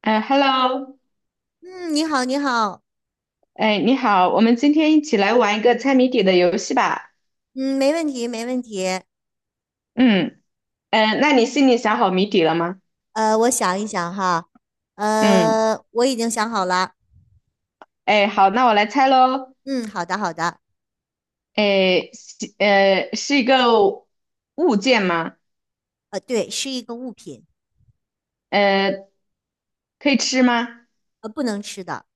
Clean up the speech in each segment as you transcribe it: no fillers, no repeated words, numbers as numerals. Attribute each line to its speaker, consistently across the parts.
Speaker 1: 哎，Hello，
Speaker 2: 嗯，你好，你好，
Speaker 1: 哎，你好，我们今天一起来玩一个猜谜底的游戏吧。
Speaker 2: 嗯，没问题，没问题。
Speaker 1: 嗯，嗯，那你心里想好谜底了吗？
Speaker 2: 我想一想哈，
Speaker 1: 嗯，
Speaker 2: 我已经想好了。
Speaker 1: 哎，好，那我来猜喽。
Speaker 2: 嗯，好的，好的。
Speaker 1: 哎，是一个物件吗？
Speaker 2: 对，是一个物品，
Speaker 1: 呃，可以吃吗？
Speaker 2: 不能吃的。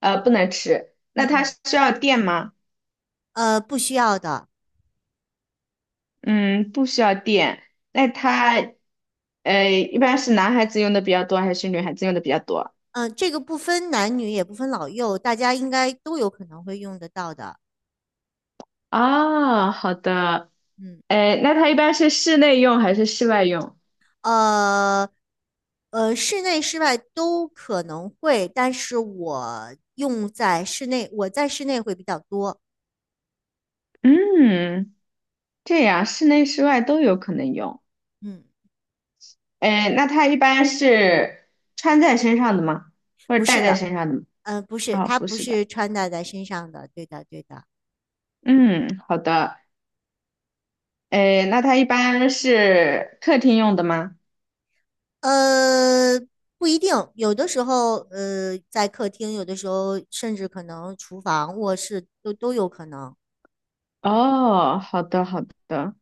Speaker 1: 呃，不能吃。那
Speaker 2: 嗯
Speaker 1: 它
Speaker 2: 嗯，
Speaker 1: 需要电吗？
Speaker 2: 不需要的。
Speaker 1: 嗯，不需要电。那它一般是男孩子用的比较多，还是女孩子用的比较多？
Speaker 2: 嗯、这个不分男女，也不分老幼，大家应该都有可能会用得到的。
Speaker 1: 哦，好的。
Speaker 2: 嗯，
Speaker 1: 哎，那它一般是室内用还是室外用？
Speaker 2: 呃，室内、室外都可能会，但是我用在室内，会比较多。
Speaker 1: 嗯，这样室内室外都有可能用。
Speaker 2: 嗯。
Speaker 1: 哎，那它一般是穿在身上的吗？或
Speaker 2: 不
Speaker 1: 者戴
Speaker 2: 是
Speaker 1: 在
Speaker 2: 的，
Speaker 1: 身上的
Speaker 2: 不
Speaker 1: 哦，
Speaker 2: 是，
Speaker 1: 啊
Speaker 2: 它
Speaker 1: 不
Speaker 2: 不
Speaker 1: 是的。
Speaker 2: 是穿戴在身上的，对的，对的。
Speaker 1: 嗯，好的。哎，那它一般是客厅用的吗？
Speaker 2: 呃，不一定，有的时候，在客厅，有的时候甚至可能厨房、卧室都有可能。
Speaker 1: 哦，好的，好的。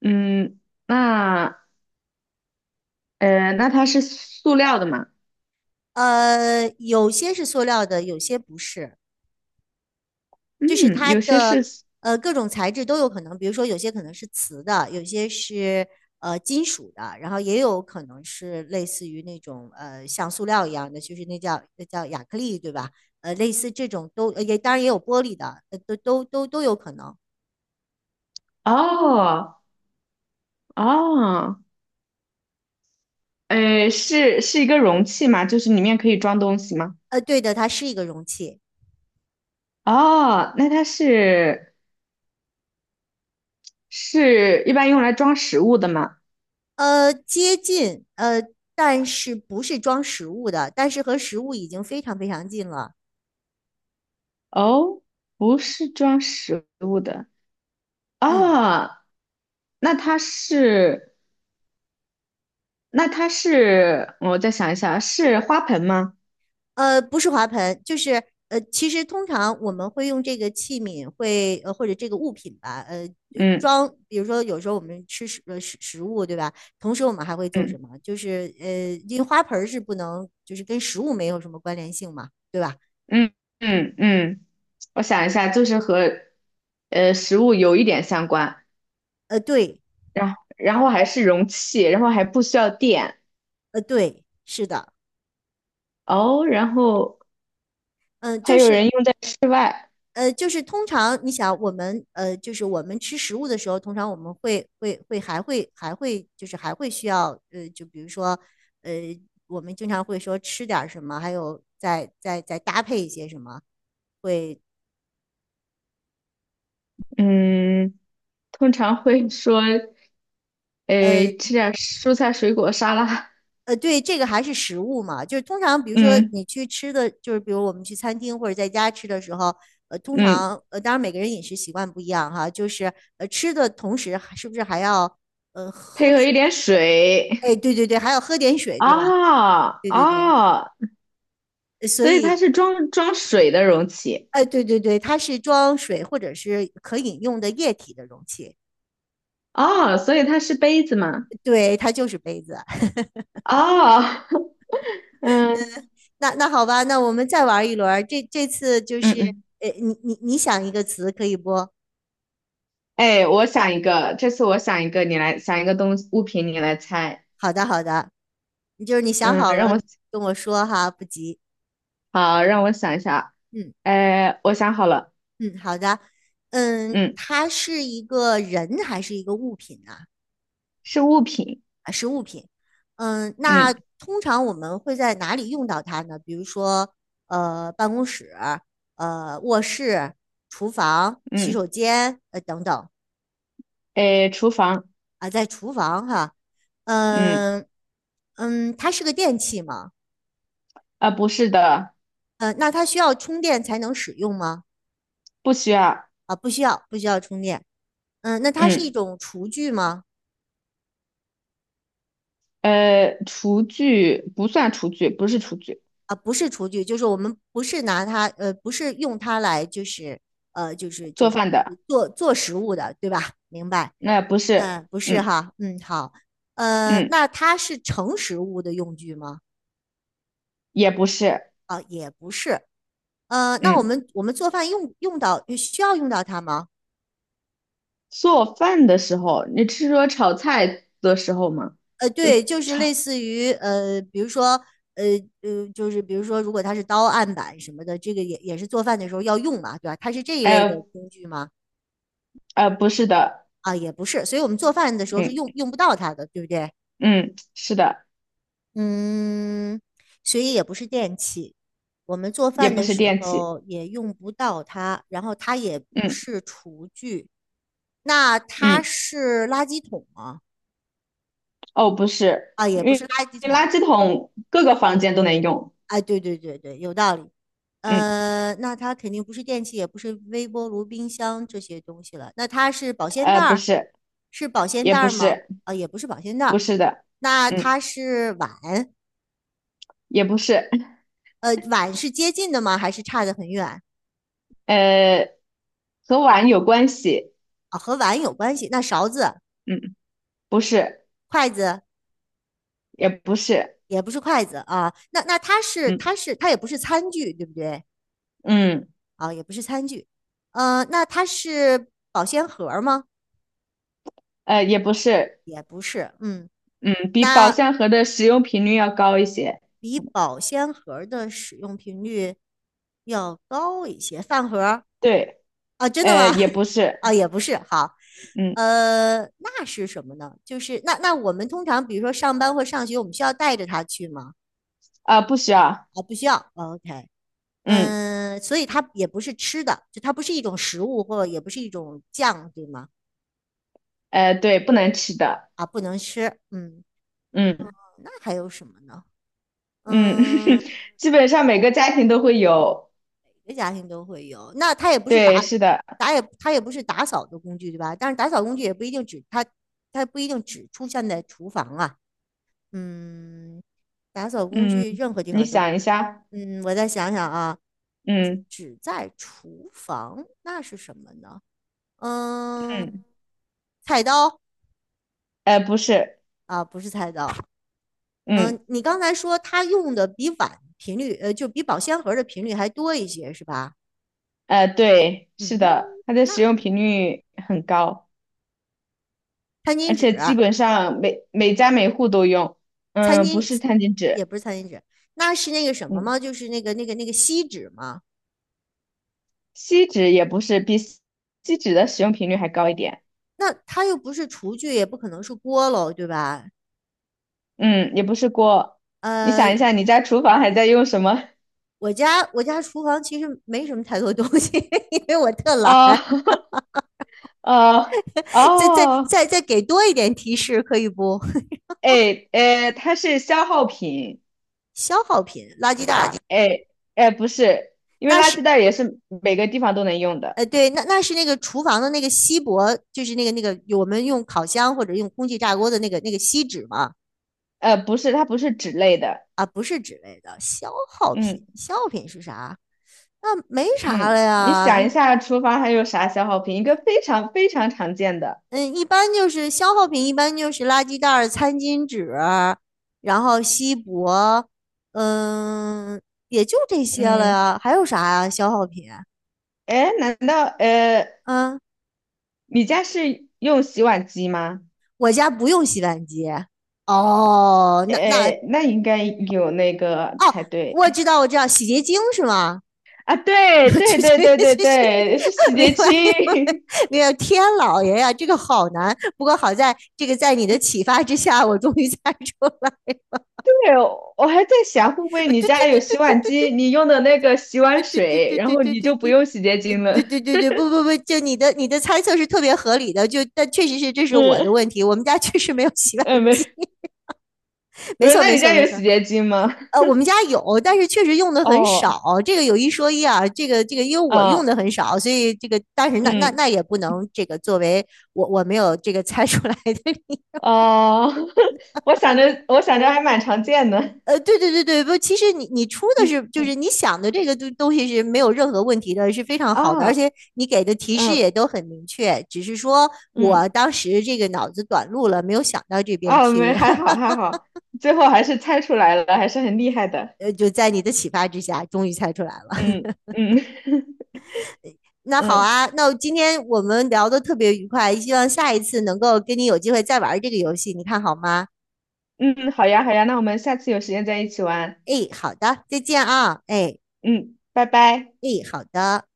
Speaker 1: 嗯，那那它是塑料的吗？
Speaker 2: 有些是塑料的，有些不是。
Speaker 1: 嗯，
Speaker 2: 就是它
Speaker 1: 有些
Speaker 2: 的
Speaker 1: 是塑
Speaker 2: 呃各种材质都有可能，比如说有些可能是瓷的，有些是金属的，然后也有可能是类似于那种像塑料一样的，就是那叫亚克力，对吧？类似这种都也当然也有玻璃的，呃都有可能。
Speaker 1: 哦哦，是一个容器吗？就是里面可以装东西吗？
Speaker 2: 对的，它是一个容器。
Speaker 1: 哦，那它是一般用来装食物的吗？
Speaker 2: 呃接近,但是不是装食物的，但是和食物已经非常非常近了。
Speaker 1: 哦，不是装食物的
Speaker 2: 嗯。
Speaker 1: 啊，那它是，那它是，我再想一下，是花盆吗？
Speaker 2: 不是花盆，其实通常我们会用这个器皿会，或者这个物品吧，
Speaker 1: 嗯
Speaker 2: 装，比如说有时候我们吃食物对吧？同时我们还会做什
Speaker 1: 嗯
Speaker 2: 么？因为花盆儿是不能就是跟食物没有什么关联性嘛，对吧？
Speaker 1: 嗯嗯嗯，我想一下，就是和食物有一点相关，
Speaker 2: 对。
Speaker 1: 然后还是容器，然后还不需要电
Speaker 2: 是的。
Speaker 1: 哦，然后
Speaker 2: 嗯、
Speaker 1: 还
Speaker 2: 就
Speaker 1: 有
Speaker 2: 是
Speaker 1: 人用在室外，
Speaker 2: 就是通常你想我们就是我们吃食物的时候，通常我们会会会还会还会就是还会需要就比如说呃，我们经常会说吃点儿什么，还有再搭配一些什么，会。
Speaker 1: 嗯，通常会说。
Speaker 2: 呃
Speaker 1: 诶，吃点蔬菜水果沙拉，
Speaker 2: 对，这个还是食物嘛，就是通常比 如说
Speaker 1: 嗯
Speaker 2: 你去吃的，就是比如我们去餐厅或者在家吃的时候。通
Speaker 1: 嗯
Speaker 2: 常当然每个人饮食习惯不一样哈，就是吃的同时还是不是还要喝。
Speaker 1: 配合一点水。
Speaker 2: 哎，对对对，还要喝点水，对吧？
Speaker 1: 啊
Speaker 2: 对对对。
Speaker 1: 啊，
Speaker 2: 呃所
Speaker 1: 所以它
Speaker 2: 以，
Speaker 1: 是装水的容器。
Speaker 2: 哎，对对对，它是装水或者是可饮用的液体的容器。
Speaker 1: 哦，所以它是杯子嘛？
Speaker 2: 对，它就是杯子。
Speaker 1: 哦，嗯，
Speaker 2: 那那好吧，那我们再玩一轮儿，这这次就
Speaker 1: 嗯
Speaker 2: 是，
Speaker 1: 嗯，
Speaker 2: 你想一个词可以不？
Speaker 1: 哎，我想一个，这次我想一个，你来想一个东西物品，你来猜。
Speaker 2: 好的好的，你就是你想
Speaker 1: 嗯，
Speaker 2: 好
Speaker 1: 让
Speaker 2: 了
Speaker 1: 我
Speaker 2: 跟我说哈，不急。
Speaker 1: 好，让我想一下。
Speaker 2: 嗯
Speaker 1: 哎，我想好了，
Speaker 2: 嗯，好的。嗯，
Speaker 1: 嗯
Speaker 2: 它是一个人还是一个物品呢？
Speaker 1: 是物品。
Speaker 2: 啊，是物品。嗯，那
Speaker 1: 嗯
Speaker 2: 通常我们会在哪里用到它呢？比如说，办公室、卧室、厨房、洗
Speaker 1: 嗯
Speaker 2: 手间，等等。
Speaker 1: 哎，厨房。
Speaker 2: 啊，在厨房哈。
Speaker 1: 嗯，
Speaker 2: 嗯嗯，它是个电器吗？
Speaker 1: 啊，不是的，
Speaker 2: 那它需要充电才能使用吗？
Speaker 1: 不需要。
Speaker 2: 啊，不需要，不需要充电。嗯，那它是一
Speaker 1: 嗯，
Speaker 2: 种厨具吗？
Speaker 1: 厨具不算厨具，不是厨具，
Speaker 2: 啊，不是厨具，就是我们不是拿它，不是用它来，就是呃，就是就
Speaker 1: 做
Speaker 2: 是
Speaker 1: 饭的
Speaker 2: 做食物的，对吧？明白？
Speaker 1: 那不是，
Speaker 2: 嗯，不是
Speaker 1: 嗯
Speaker 2: 哈，嗯，好。
Speaker 1: 嗯，
Speaker 2: 那它是盛食物的用具吗？
Speaker 1: 也不是，
Speaker 2: 啊、也不是。那我
Speaker 1: 嗯，
Speaker 2: 们我们做饭用用到需要用到它吗？
Speaker 1: 做饭的时候，你是说炒菜的时候吗？就
Speaker 2: 对，就是类
Speaker 1: 炒，
Speaker 2: 似于比如说呃就是比如说，如果它是刀案板什么的，这个也是做饭的时候要用嘛，对吧？它是这一类的
Speaker 1: 呃
Speaker 2: 工具吗？
Speaker 1: 不是的，
Speaker 2: 啊，也不是，所以我们做饭的时候
Speaker 1: 嗯
Speaker 2: 是用不到它的，对不对？
Speaker 1: 嗯，是的，
Speaker 2: 嗯，所以也不是电器，我们做
Speaker 1: 也
Speaker 2: 饭
Speaker 1: 不
Speaker 2: 的
Speaker 1: 是
Speaker 2: 时
Speaker 1: 电器，
Speaker 2: 候也用不到它，然后它也不
Speaker 1: 嗯
Speaker 2: 是厨具。那它
Speaker 1: 嗯，
Speaker 2: 是垃圾桶吗？
Speaker 1: 哦，不是，
Speaker 2: 啊，也
Speaker 1: 因
Speaker 2: 不
Speaker 1: 为
Speaker 2: 是垃圾桶。
Speaker 1: 垃圾桶各个房间都能用，
Speaker 2: 哎，对对对对，有道理。
Speaker 1: 嗯
Speaker 2: 那它肯定不是电器，也不是微波炉、冰箱这些东西了。那它是保鲜袋
Speaker 1: 不
Speaker 2: 儿，
Speaker 1: 是，
Speaker 2: 是保鲜
Speaker 1: 也
Speaker 2: 袋
Speaker 1: 不
Speaker 2: 儿吗？
Speaker 1: 是，
Speaker 2: 啊，也不是保鲜袋
Speaker 1: 不
Speaker 2: 儿。
Speaker 1: 是的，
Speaker 2: 那
Speaker 1: 嗯，
Speaker 2: 它是碗。
Speaker 1: 也不是。
Speaker 2: 碗是接近的吗？还是差得很远？
Speaker 1: 呃，和碗有关系，
Speaker 2: 啊？和碗有关系。那勺子、
Speaker 1: 嗯不是，
Speaker 2: 筷子？
Speaker 1: 也不是，
Speaker 2: 也不是筷子啊。那那它是
Speaker 1: 嗯，
Speaker 2: 它是它也不是餐具，对不对？
Speaker 1: 嗯，
Speaker 2: 啊，也不是餐具。那它是保鲜盒儿吗？
Speaker 1: 呃，也不是，
Speaker 2: 也不是。嗯，
Speaker 1: 嗯，比宝
Speaker 2: 那
Speaker 1: 相盒的使用频率要高一些，
Speaker 2: 比保鲜盒儿的使用频率要高一些。饭盒儿？
Speaker 1: 对，
Speaker 2: 啊，真的
Speaker 1: 呃，
Speaker 2: 吗？
Speaker 1: 也 不是，
Speaker 2: 啊，也不是。好，
Speaker 1: 嗯，
Speaker 2: 那是什么呢？就是那那我们通常比如说上班或上学，我们需要带着它去吗？
Speaker 1: 啊、不需要，
Speaker 2: 啊，不需要。哦 OK,
Speaker 1: 嗯，
Speaker 2: 嗯，所以它也不是吃的，就它不是一种食物，或也不是一种酱，对吗？
Speaker 1: 呃，对，不能吃的，
Speaker 2: 啊，不能吃。嗯，
Speaker 1: 嗯
Speaker 2: 那还有什么呢？
Speaker 1: 嗯，
Speaker 2: 嗯，
Speaker 1: 基本上每个家庭都会有，
Speaker 2: 每个家庭都会有。那它也不是
Speaker 1: 对，
Speaker 2: 打
Speaker 1: 是的，
Speaker 2: 打也它也不是打扫的工具，对吧？但是打扫工具也不一定只它，它不一定只出现在厨房啊。嗯，打扫工
Speaker 1: 嗯，
Speaker 2: 具任何地
Speaker 1: 你
Speaker 2: 方都。
Speaker 1: 想一下，
Speaker 2: 嗯，我再想想啊，只
Speaker 1: 嗯
Speaker 2: 只在厨房，那是什么呢？嗯，
Speaker 1: 嗯，
Speaker 2: 菜刀？
Speaker 1: 呃，不是，
Speaker 2: 啊，不是菜刀。
Speaker 1: 嗯，
Speaker 2: 嗯，你刚才说他用的比碗频率，就比保鲜盒的频率还多一些，是吧？
Speaker 1: 呃，对，是
Speaker 2: 嗯，
Speaker 1: 的，它的使
Speaker 2: 那
Speaker 1: 用频率很高。
Speaker 2: 餐巾
Speaker 1: 而
Speaker 2: 纸、
Speaker 1: 且基本上每家每户都用，
Speaker 2: 餐
Speaker 1: 嗯，不
Speaker 2: 巾？
Speaker 1: 是餐巾
Speaker 2: 也
Speaker 1: 纸，
Speaker 2: 不是餐巾纸。那是那个什么
Speaker 1: 嗯，
Speaker 2: 吗？就是那个锡纸吗？
Speaker 1: 锡纸也不是，锡纸的使用频率还高一点，
Speaker 2: 那它又不是厨具，也不可能是锅喽，对吧？
Speaker 1: 嗯，也不是锅。你
Speaker 2: 呃，
Speaker 1: 想一下，你家厨房还在用什么？
Speaker 2: 我家厨房其实没什么太多东西，因为我特懒。
Speaker 1: 哦，哦，
Speaker 2: 再再
Speaker 1: 哦，
Speaker 2: 再再给多一点提示，可以不？
Speaker 1: 哎，哎，它是消耗品，
Speaker 2: 消耗品、垃圾袋，
Speaker 1: 哎，哎，不是，因为
Speaker 2: 那
Speaker 1: 垃圾
Speaker 2: 是
Speaker 1: 袋也是每个地方都能用的，
Speaker 2: 对，那那是那个厨房的那个锡箔，就是那个我们用烤箱或者用空气炸锅的那个锡纸嘛。
Speaker 1: 呃，不是，它不是纸类的，
Speaker 2: 啊，不是纸类的消耗品，
Speaker 1: 嗯
Speaker 2: 消耗品是啥？那没啥了
Speaker 1: 嗯，你
Speaker 2: 呀。
Speaker 1: 想一下，厨房还有啥消耗品？一个非常常见的。
Speaker 2: 嗯，一般就是消耗品，一般就是垃圾袋儿、餐巾纸，然后锡箔。嗯，也就这些了
Speaker 1: 嗯，
Speaker 2: 呀，还有啥呀？消耗品。
Speaker 1: 哎，难道
Speaker 2: 嗯，
Speaker 1: 你家是用洗碗机吗？
Speaker 2: 我家不用洗碗机。哦，那那？
Speaker 1: 哎，那应该有那个才
Speaker 2: 哦，
Speaker 1: 对
Speaker 2: 我知道，我知道，洗洁精是吗？
Speaker 1: 啊！对
Speaker 2: 就
Speaker 1: 对
Speaker 2: 就
Speaker 1: 对对对
Speaker 2: 就就，
Speaker 1: 对，是洗
Speaker 2: 明
Speaker 1: 洁
Speaker 2: 白明白
Speaker 1: 精。
Speaker 2: 明白，天老爷呀，这个好难。不过好在这个在你的启发之下，我终于猜出来。
Speaker 1: 对，我还在想，会不会
Speaker 2: 呃
Speaker 1: 你
Speaker 2: 对对
Speaker 1: 家有
Speaker 2: 对对
Speaker 1: 洗
Speaker 2: 对
Speaker 1: 碗
Speaker 2: 对
Speaker 1: 机，
Speaker 2: 对
Speaker 1: 你用的那个洗
Speaker 2: 对
Speaker 1: 碗
Speaker 2: 对对
Speaker 1: 水，然
Speaker 2: 对
Speaker 1: 后
Speaker 2: 对
Speaker 1: 你
Speaker 2: 对
Speaker 1: 就不
Speaker 2: 对，
Speaker 1: 用洗洁
Speaker 2: 呃
Speaker 1: 精了？
Speaker 2: 对对对对不不不，就你的猜测是特别合理的，就但确实是这 是我的
Speaker 1: 嗯，
Speaker 2: 问题，我们家确实没有洗碗
Speaker 1: 哎，
Speaker 2: 机。
Speaker 1: 没，不
Speaker 2: 没
Speaker 1: 是，
Speaker 2: 错
Speaker 1: 那
Speaker 2: 没
Speaker 1: 你
Speaker 2: 错
Speaker 1: 家
Speaker 2: 没
Speaker 1: 有
Speaker 2: 错。
Speaker 1: 洗洁精吗？
Speaker 2: 我们家有，但是确实用的很少。
Speaker 1: 哦，
Speaker 2: 这个有一说一啊，因为我用的
Speaker 1: 啊，
Speaker 2: 很少，所以这个，但是那那
Speaker 1: 嗯，
Speaker 2: 那也不能这个作为我没有这个猜出来的。
Speaker 1: 哦，我想着，我想着还蛮常见的。
Speaker 2: 对对对对，不，其实你出 的
Speaker 1: 嗯
Speaker 2: 是就
Speaker 1: 嗯
Speaker 2: 是你想的这个东西是没有任何问题的，是非常好的，而
Speaker 1: 啊，
Speaker 2: 且你给的提示也
Speaker 1: 嗯
Speaker 2: 都很明确，只是说
Speaker 1: 嗯。
Speaker 2: 我当时这个脑子短路了，没有想到这边
Speaker 1: 啊，没，
Speaker 2: 去。
Speaker 1: 还好还好，最后还是猜出来了，还是很厉害的。
Speaker 2: 就在你的启发之下，终于猜出来了。
Speaker 1: 嗯嗯
Speaker 2: 那好
Speaker 1: 嗯
Speaker 2: 啊，那今天我们聊的特别愉快，希望下一次能够跟你有机会再玩这个游戏，你看好吗？
Speaker 1: 嗯，好呀好呀，那我们下次有时间再一起玩。
Speaker 2: 哎，好的，再见啊，哎
Speaker 1: 嗯，拜拜。
Speaker 2: 哎，好的。